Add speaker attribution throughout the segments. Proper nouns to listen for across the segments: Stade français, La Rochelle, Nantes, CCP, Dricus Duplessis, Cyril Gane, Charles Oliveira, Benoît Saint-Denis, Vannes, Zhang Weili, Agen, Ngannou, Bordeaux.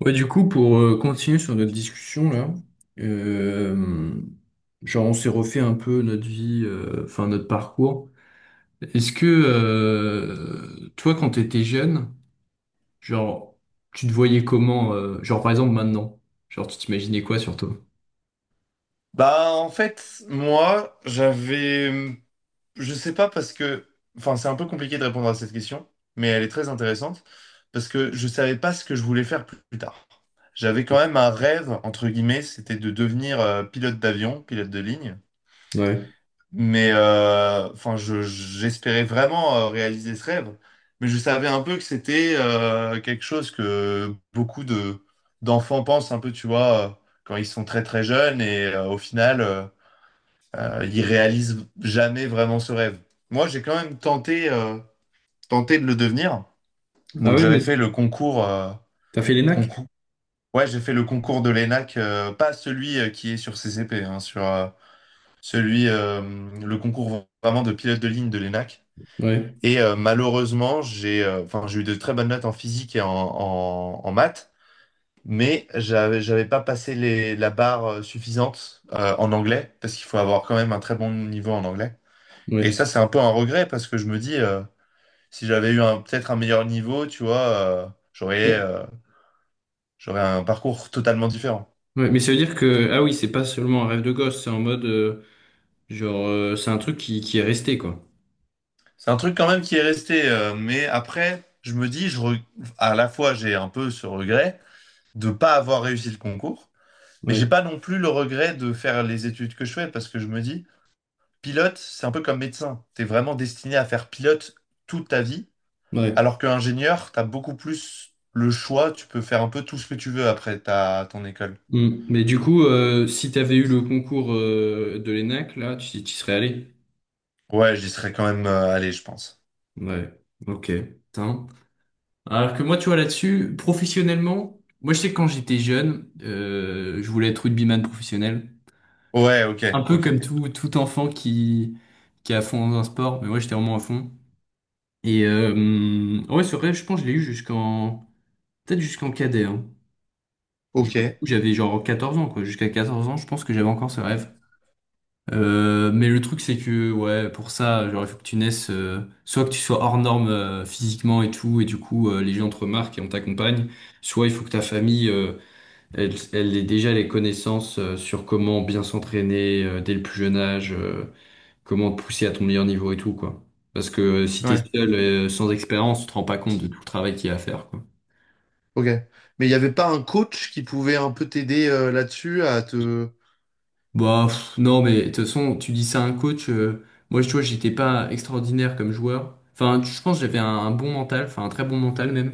Speaker 1: Ouais, du coup, pour Continuer sur notre discussion là, euh, genre on s'est refait un peu notre vie, enfin notre parcours. Est-ce que toi, quand t'étais jeune, genre tu te voyais comment, genre par exemple maintenant, genre tu t'imaginais quoi sur toi?
Speaker 2: Bah en fait, moi, j'avais je sais pas parce que c'est un peu compliqué de répondre à cette question, mais elle est très intéressante parce que je savais pas ce que je voulais faire plus tard. J'avais quand même un rêve entre guillemets, c'était de devenir pilote d'avion, pilote de ligne,
Speaker 1: Ouais.
Speaker 2: mais enfin je j'espérais vraiment réaliser ce rêve, mais je savais un peu que c'était quelque chose que beaucoup de d'enfants pensent un peu, tu vois, quand ils sont très très jeunes et au final il réalise jamais vraiment ce rêve. Moi, j'ai quand même tenté de le devenir.
Speaker 1: Ah
Speaker 2: Donc,
Speaker 1: ouais,
Speaker 2: j'avais
Speaker 1: mais
Speaker 2: fait le concours, euh,
Speaker 1: t'as fait l'ENAC?
Speaker 2: concours. Ouais, j'ai fait le concours de l'ENAC, pas celui qui est sur CCP, hein, celui, euh, le concours vraiment de pilote de ligne de l'ENAC.
Speaker 1: Ouais,
Speaker 2: Et malheureusement, j'ai eu de très bonnes notes en physique et en maths, mais j'avais pas passé la barre suffisante en anglais, parce qu'il faut avoir quand même un très bon niveau en anglais. Et
Speaker 1: ouais.
Speaker 2: ça, c'est un peu un regret parce que je me dis, si j'avais eu peut-être un meilleur niveau, tu vois, euh, j'aurais euh, j'aurais un parcours totalement différent.
Speaker 1: Ouais, mais ça veut dire que, ah oui, c'est pas seulement un rêve de gosse, c'est en mode, c'est un truc qui est resté, quoi.
Speaker 2: C'est un truc quand même qui est resté, mais après, je me dis, à la fois, j'ai un peu ce regret de pas avoir réussi le concours, mais j'ai
Speaker 1: Ouais,
Speaker 2: pas non plus le regret de faire les études que je fais parce que je me dis, pilote, c'est un peu comme médecin. T'es vraiment destiné à faire pilote toute ta vie,
Speaker 1: ouais.
Speaker 2: alors qu'ingénieur, t'as beaucoup plus le choix, tu peux faire un peu tout ce que tu veux après ton école.
Speaker 1: Mm. Mais du coup, si t'avais eu le concours de l'ENAC, là, tu serais allé.
Speaker 2: Ouais, j'y serais quand même allé, je pense.
Speaker 1: Ouais, ok. Putain. Alors que moi, tu vois, là-dessus, professionnellement, moi, je sais que quand j'étais jeune, je voulais être rugbyman professionnel.
Speaker 2: Ouais, ok,
Speaker 1: Un peu
Speaker 2: ok.
Speaker 1: comme tout enfant qui est à fond dans un sport, mais moi, j'étais vraiment à fond. Et ouais, c'est vrai, je pense que je l'ai eu jusqu'en... Peut-être jusqu'en cadet, hein. Genre,
Speaker 2: Ok,
Speaker 1: J'avais genre 14 ans, quoi. Jusqu'à 14 ans, je pense que j'avais encore ce rêve. Mais le truc c'est que ouais pour ça genre il faut que tu naisses soit que tu sois hors norme physiquement et tout et du coup les gens te remarquent et on t'accompagne, soit il faut que ta famille elle ait déjà les connaissances sur comment bien s'entraîner dès le plus jeune âge, comment te pousser à ton meilleur niveau et tout quoi, parce que si t'es
Speaker 2: ouais,
Speaker 1: seul sans expérience tu te rends pas compte de tout le travail qu'il y a à faire quoi.
Speaker 2: ok. Mais il n'y avait pas un coach qui pouvait un peu t'aider là-dessus à te...
Speaker 1: Bah, pff, non, mais de toute façon, tu dis ça à un coach. Moi, tu vois, j'étais pas extraordinaire comme joueur. Enfin, je pense que j'avais un bon mental, enfin un très bon mental même.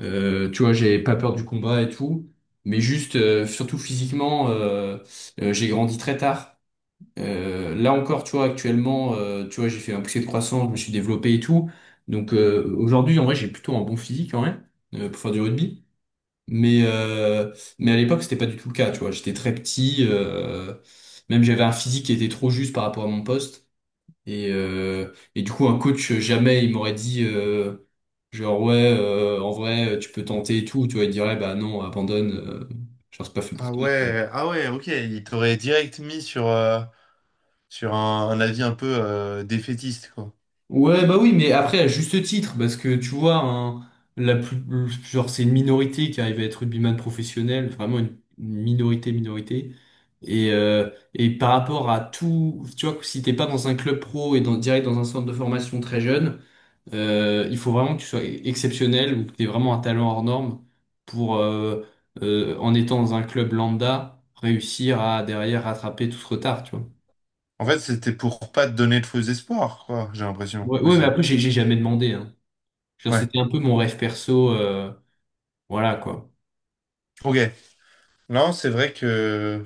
Speaker 1: Tu vois, j'avais pas peur du combat et tout. Mais juste, surtout physiquement, j'ai grandi très tard. Là encore, tu vois, actuellement, tu vois, j'ai fait un poussé de croissance, je me suis développé et tout. Donc aujourd'hui, en vrai, j'ai plutôt un bon physique, en vrai, pour faire du rugby. Mais, euh, mais à l'époque, c'était pas du tout le cas, tu vois. J'étais très petit, même j'avais un physique qui était trop juste par rapport à mon poste. Et du coup, un coach, jamais il m'aurait dit, genre, ouais, en vrai, tu peux tenter et tout. Tu vois, il dirait, bah non, abandonne, genre, c'est pas fait pour
Speaker 2: Ah
Speaker 1: toi.
Speaker 2: ouais, ah ouais, ok. Il t'aurait direct mis sur, sur un avis un peu défaitiste, quoi.
Speaker 1: Ouais, bah oui, mais après, à juste titre, parce que tu vois, hein, la plus, genre, c'est une minorité qui arrive à être rugbyman professionnel, vraiment une minorité, minorité. Et par rapport à tout, tu vois, que si t'es pas dans un club pro et dans, direct dans un centre de formation très jeune, il faut vraiment que tu sois exceptionnel ou que t'aies vraiment un talent hors norme pour, en étant dans un club lambda, réussir à derrière rattraper tout ce retard, tu vois.
Speaker 2: En fait, c'était pour pas te donner de faux espoirs, quoi, j'ai l'impression,
Speaker 1: Ouais, ouais, mais
Speaker 2: aussi.
Speaker 1: après, j'ai jamais demandé, hein. Genre,
Speaker 2: Ouais,
Speaker 1: c'était un peu mon rêve perso, voilà quoi.
Speaker 2: ok. Non, c'est vrai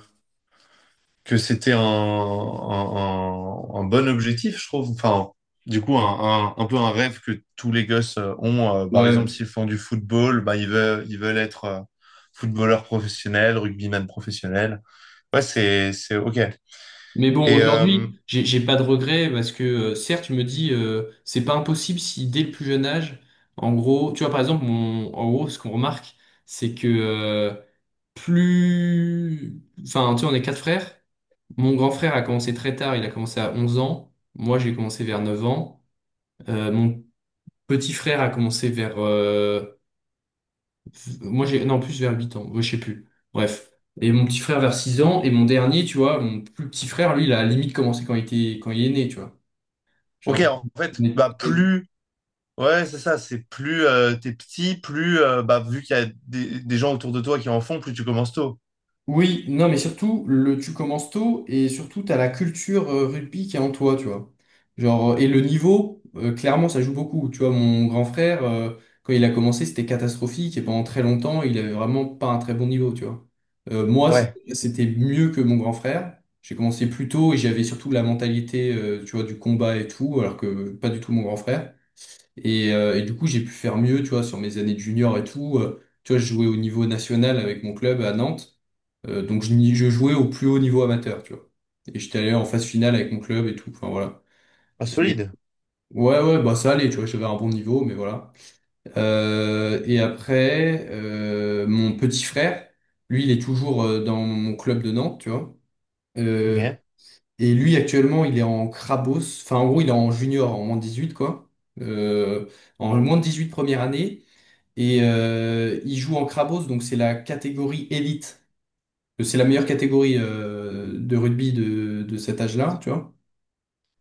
Speaker 2: que c'était un bon objectif, je trouve. Enfin, du coup, un peu un rêve que tous les gosses ont. Par exemple,
Speaker 1: Ouais.
Speaker 2: s'ils font du football, bah, ils veulent être footballeurs professionnels, rugbyman professionnels. Ouais, c'est OK.
Speaker 1: Mais bon, ouais,
Speaker 2: Et
Speaker 1: aujourd'hui, j'ai pas de regrets parce que certes, je me dis, c'est pas impossible si dès le plus jeune âge, en gros, tu vois, par exemple, en gros, ce qu'on remarque, c'est que plus. Enfin, tu vois, on est quatre frères. Mon grand frère a commencé très tard, il a commencé à 11 ans. Moi, j'ai commencé vers 9 ans. Mon petit frère a commencé vers moi, j'ai, non, en plus vers 8 ans, moi, je sais plus. Bref. Et mon petit frère vers 6 ans, et mon dernier, tu vois, mon plus petit frère, lui, il a limite commencé quand il était, quand il est né, tu vois.
Speaker 2: OK,
Speaker 1: Genre,
Speaker 2: en fait, bah, plus... Ouais, c'est ça, c'est plus t'es petit, plus, bah, vu qu'il y a des gens autour de toi qui en font, plus tu commences tôt.
Speaker 1: oui, non, mais surtout, tu commences tôt et surtout, tu as la culture rugby qui est en toi, tu vois. Genre, et le niveau, clairement, ça joue beaucoup. Tu vois, mon grand frère, quand il a commencé, c'était catastrophique et pendant très longtemps, il avait vraiment pas un très bon niveau, tu vois. Moi, c'était
Speaker 2: Ouais,
Speaker 1: c'était mieux que mon grand frère. J'ai commencé plus tôt et j'avais surtout la mentalité, tu vois, du combat et tout, alors que pas du tout mon grand frère. Et du coup, j'ai pu faire mieux, tu vois, sur mes années de junior et tout. Tu vois, je jouais au niveau national avec mon club à Nantes. Donc, je jouais au plus haut niveau amateur, tu vois. Et j'étais allé en phase finale avec mon club et tout. Enfin, voilà.
Speaker 2: ah,
Speaker 1: Et
Speaker 2: solide.
Speaker 1: ouais, ouais, bah ça allait, tu vois, j'avais un bon niveau, mais voilà. Et après, mon petit frère, lui, il est toujours dans mon club de Nantes, tu vois. Euh,
Speaker 2: OK.
Speaker 1: et lui, actuellement, il est en Crabos. Enfin, en gros, il est en junior, en moins de 18 quoi. Euh, en moins de 18 première année. Et il joue en Krabos, donc c'est la catégorie élite. C'est la meilleure catégorie de rugby de cet âge-là, tu vois.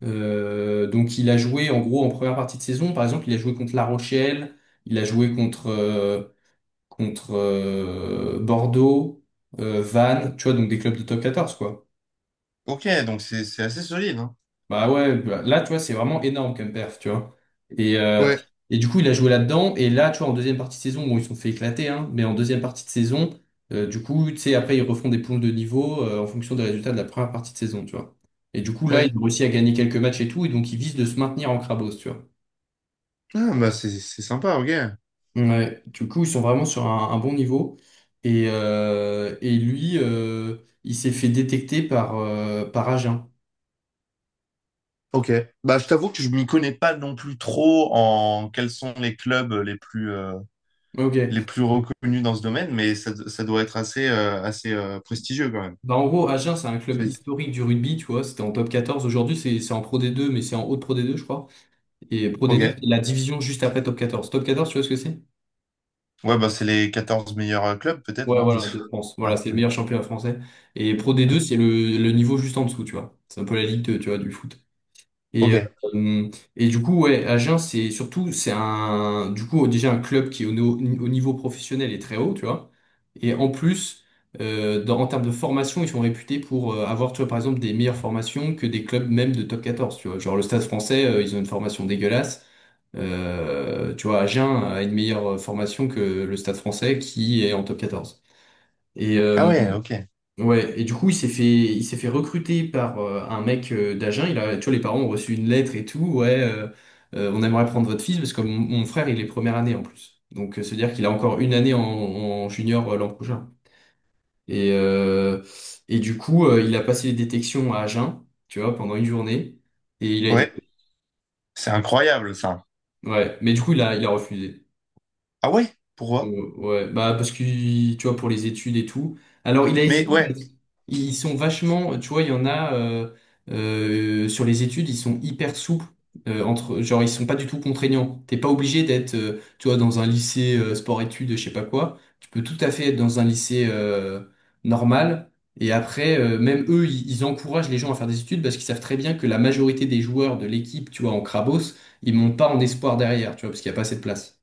Speaker 1: Donc il a joué en gros en première partie de saison, par exemple, il a joué contre La Rochelle, il a joué contre Bordeaux, Vannes, tu vois, donc des clubs de top 14, quoi.
Speaker 2: OK, donc c'est assez solide, hein.
Speaker 1: Bah ouais, bah là, tu vois, c'est vraiment énorme comme perf, tu vois. Et, euh,
Speaker 2: Ouais,
Speaker 1: et du coup, il a joué là-dedans. Et là, tu vois, en deuxième partie de saison, bon, ils se sont fait éclater, hein, mais en deuxième partie de saison, du coup, tu sais, après, ils refont des poules de niveau en fonction des résultats de la première partie de saison, tu vois. Et du coup, là, ils
Speaker 2: ouais.
Speaker 1: ont réussi à gagner quelques matchs et tout, et donc ils visent de se maintenir en Crabos, tu vois.
Speaker 2: Ah, bah c'est sympa, ok.
Speaker 1: Ouais, du coup, ils sont vraiment sur un bon niveau. Et il s'est fait détecter par Agen.
Speaker 2: Ok. Bah, je t'avoue que je m'y connais pas non plus trop en quels sont les clubs les
Speaker 1: Ok.
Speaker 2: plus reconnus dans ce domaine, mais ça doit être assez, assez prestigieux quand même.
Speaker 1: Bah, en gros, Agen, c'est un club
Speaker 2: Oui.
Speaker 1: historique du rugby, tu vois. C'était en Top 14. Aujourd'hui, c'est en Pro D2 mais c'est en haute Pro D2 je crois. Et Pro d
Speaker 2: Ok.
Speaker 1: deux
Speaker 2: Ouais,
Speaker 1: c'est la division juste après Top 14. Top 14 tu vois ce que c'est?
Speaker 2: bah, c'est les 14 meilleurs clubs, peut-être,
Speaker 1: Ouais,
Speaker 2: non? Je
Speaker 1: voilà,
Speaker 2: sais
Speaker 1: de France. Voilà,
Speaker 2: pas.
Speaker 1: c'est le
Speaker 2: Ouais, ok.
Speaker 1: meilleur championnat français. Et Pro d deux
Speaker 2: Ouais.
Speaker 1: c'est le niveau juste en dessous, tu vois. C'est un peu la Ligue 2, tu vois, du foot.
Speaker 2: Ok.
Speaker 1: Et, euh, et du coup, ouais, Agen, c'est surtout, c'est un, du coup, déjà un club qui, au, no- au niveau professionnel, est très haut, tu vois. Et en plus, en termes de formation, ils sont réputés pour avoir, tu vois, par exemple, des meilleures formations que des clubs même de Top 14 tu vois. Genre le Stade français, ils ont une formation dégueulasse. Tu vois, Agen a une meilleure formation que le Stade français qui est en Top 14. Et,
Speaker 2: Ah
Speaker 1: euh,
Speaker 2: ouais, ok.
Speaker 1: Ouais, et du coup, il s'est fait recruter par un mec d'Agen. Il a, tu vois, les parents ont reçu une lettre et tout. Ouais, on aimerait prendre votre fils parce que mon frère, il est première année en plus. Donc, se dire qu'il a encore une année en junior l'an prochain. Et, euh, et du coup, il a passé les détections à Agen, tu vois, pendant une journée. Et il a été.
Speaker 2: Ouais. C'est incroyable, ça.
Speaker 1: Ouais, mais du coup, il a refusé.
Speaker 2: Ah ouais? Pourquoi?
Speaker 1: Ouais, bah, parce que, tu vois, pour les études et tout. Alors, il a
Speaker 2: Mais
Speaker 1: hésité.
Speaker 2: ouais,
Speaker 1: Ils sont vachement, tu vois, il y en a sur les études, ils sont hyper souples. Entre, genre, ils sont pas du tout contraignants. T'es pas obligé d'être, tu vois, dans un lycée sport-études, je sais pas quoi. Tu peux tout à fait être dans un lycée normal. Et après, même eux, ils encouragent les gens à faire des études parce qu'ils savent très bien que la majorité des joueurs de l'équipe, tu vois, en Crabos, ils montent pas en espoir derrière, tu vois, parce qu'il y a pas assez de place.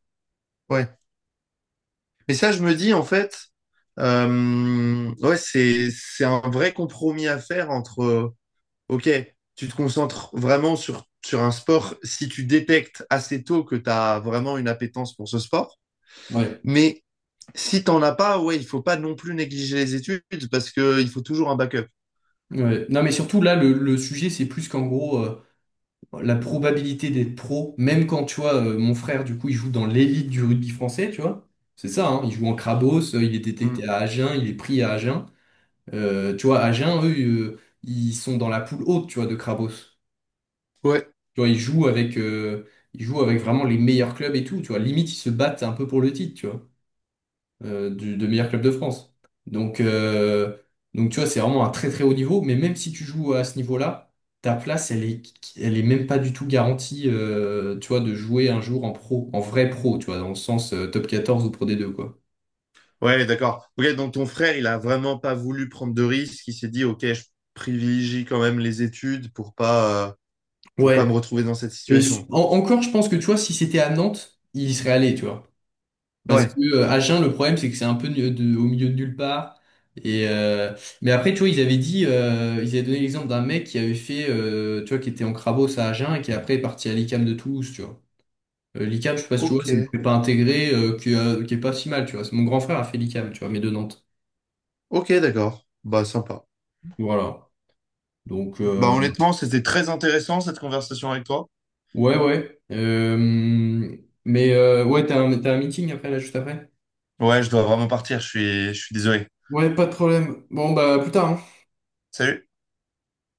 Speaker 2: ouais. Mais ça, je me dis, en fait, ouais, c'est un vrai compromis à faire entre. Ok, tu te concentres vraiment sur un sport si tu détectes assez tôt que tu as vraiment une appétence pour ce sport.
Speaker 1: Ouais.
Speaker 2: Mais si t'en as pas, ouais, il faut pas non plus négliger les études parce que il faut toujours un backup.
Speaker 1: Ouais. Non, mais surtout là, le sujet, c'est plus qu'en gros. La probabilité d'être pro, même quand tu vois, mon frère, du coup, il joue dans l'élite du rugby français, tu vois. C'est ça, hein, il joue en Crabos, il est détecté
Speaker 2: Mm.
Speaker 1: à Agen, il est pris à Agen. Tu vois, Agen, eux, ils sont dans la poule haute, tu vois, de Crabos.
Speaker 2: Ouais.
Speaker 1: Tu vois, ils jouent avec vraiment les meilleurs clubs et tout, tu vois. Limite, ils se battent un peu pour le titre, tu vois de meilleur club de France. Donc, euh, donc tu vois, c'est vraiment un très très haut niveau, mais même si tu joues à ce niveau-là, ta place, elle est même pas du tout garantie, tu vois, de jouer un jour en pro, en vrai pro, tu vois, dans le sens Top 14 ou Pro D2, quoi.
Speaker 2: Ouais, d'accord. Ok, donc ton frère, il a vraiment pas voulu prendre de risques. Il s'est dit, ok, je privilégie quand même les études pour pas
Speaker 1: Ouais.
Speaker 2: me retrouver dans cette situation.
Speaker 1: Encore, je pense que tu vois, si c'était à Nantes, il y serait allé, tu vois. Parce
Speaker 2: Ouais.
Speaker 1: que Agen, le problème, c'est que c'est un peu au milieu de nulle part. Et euh, mais après, tu vois, ils avaient dit, ils avaient donné l'exemple d'un mec qui avait fait, tu vois, qui était en Crabos à Agen et qui après est parti à l'ICAM de Toulouse, tu vois. l'ICAM, je sais pas si tu vois,
Speaker 2: Ok.
Speaker 1: c'est une prépa intégrée qui est pas si mal, tu vois. C'est mon grand frère a fait l'ICAM, tu vois, mais de Nantes.
Speaker 2: Ok, d'accord. Bah, sympa.
Speaker 1: Voilà. Donc,
Speaker 2: Bah, honnêtement, c'était très intéressant cette conversation avec toi.
Speaker 1: ouais, ouais. Mais ouais, t'as un meeting après, là, juste après?
Speaker 2: Ouais, je dois vraiment partir, je suis désolé.
Speaker 1: Ouais, pas de problème. Bon, bah, à plus tard, hein.
Speaker 2: Salut.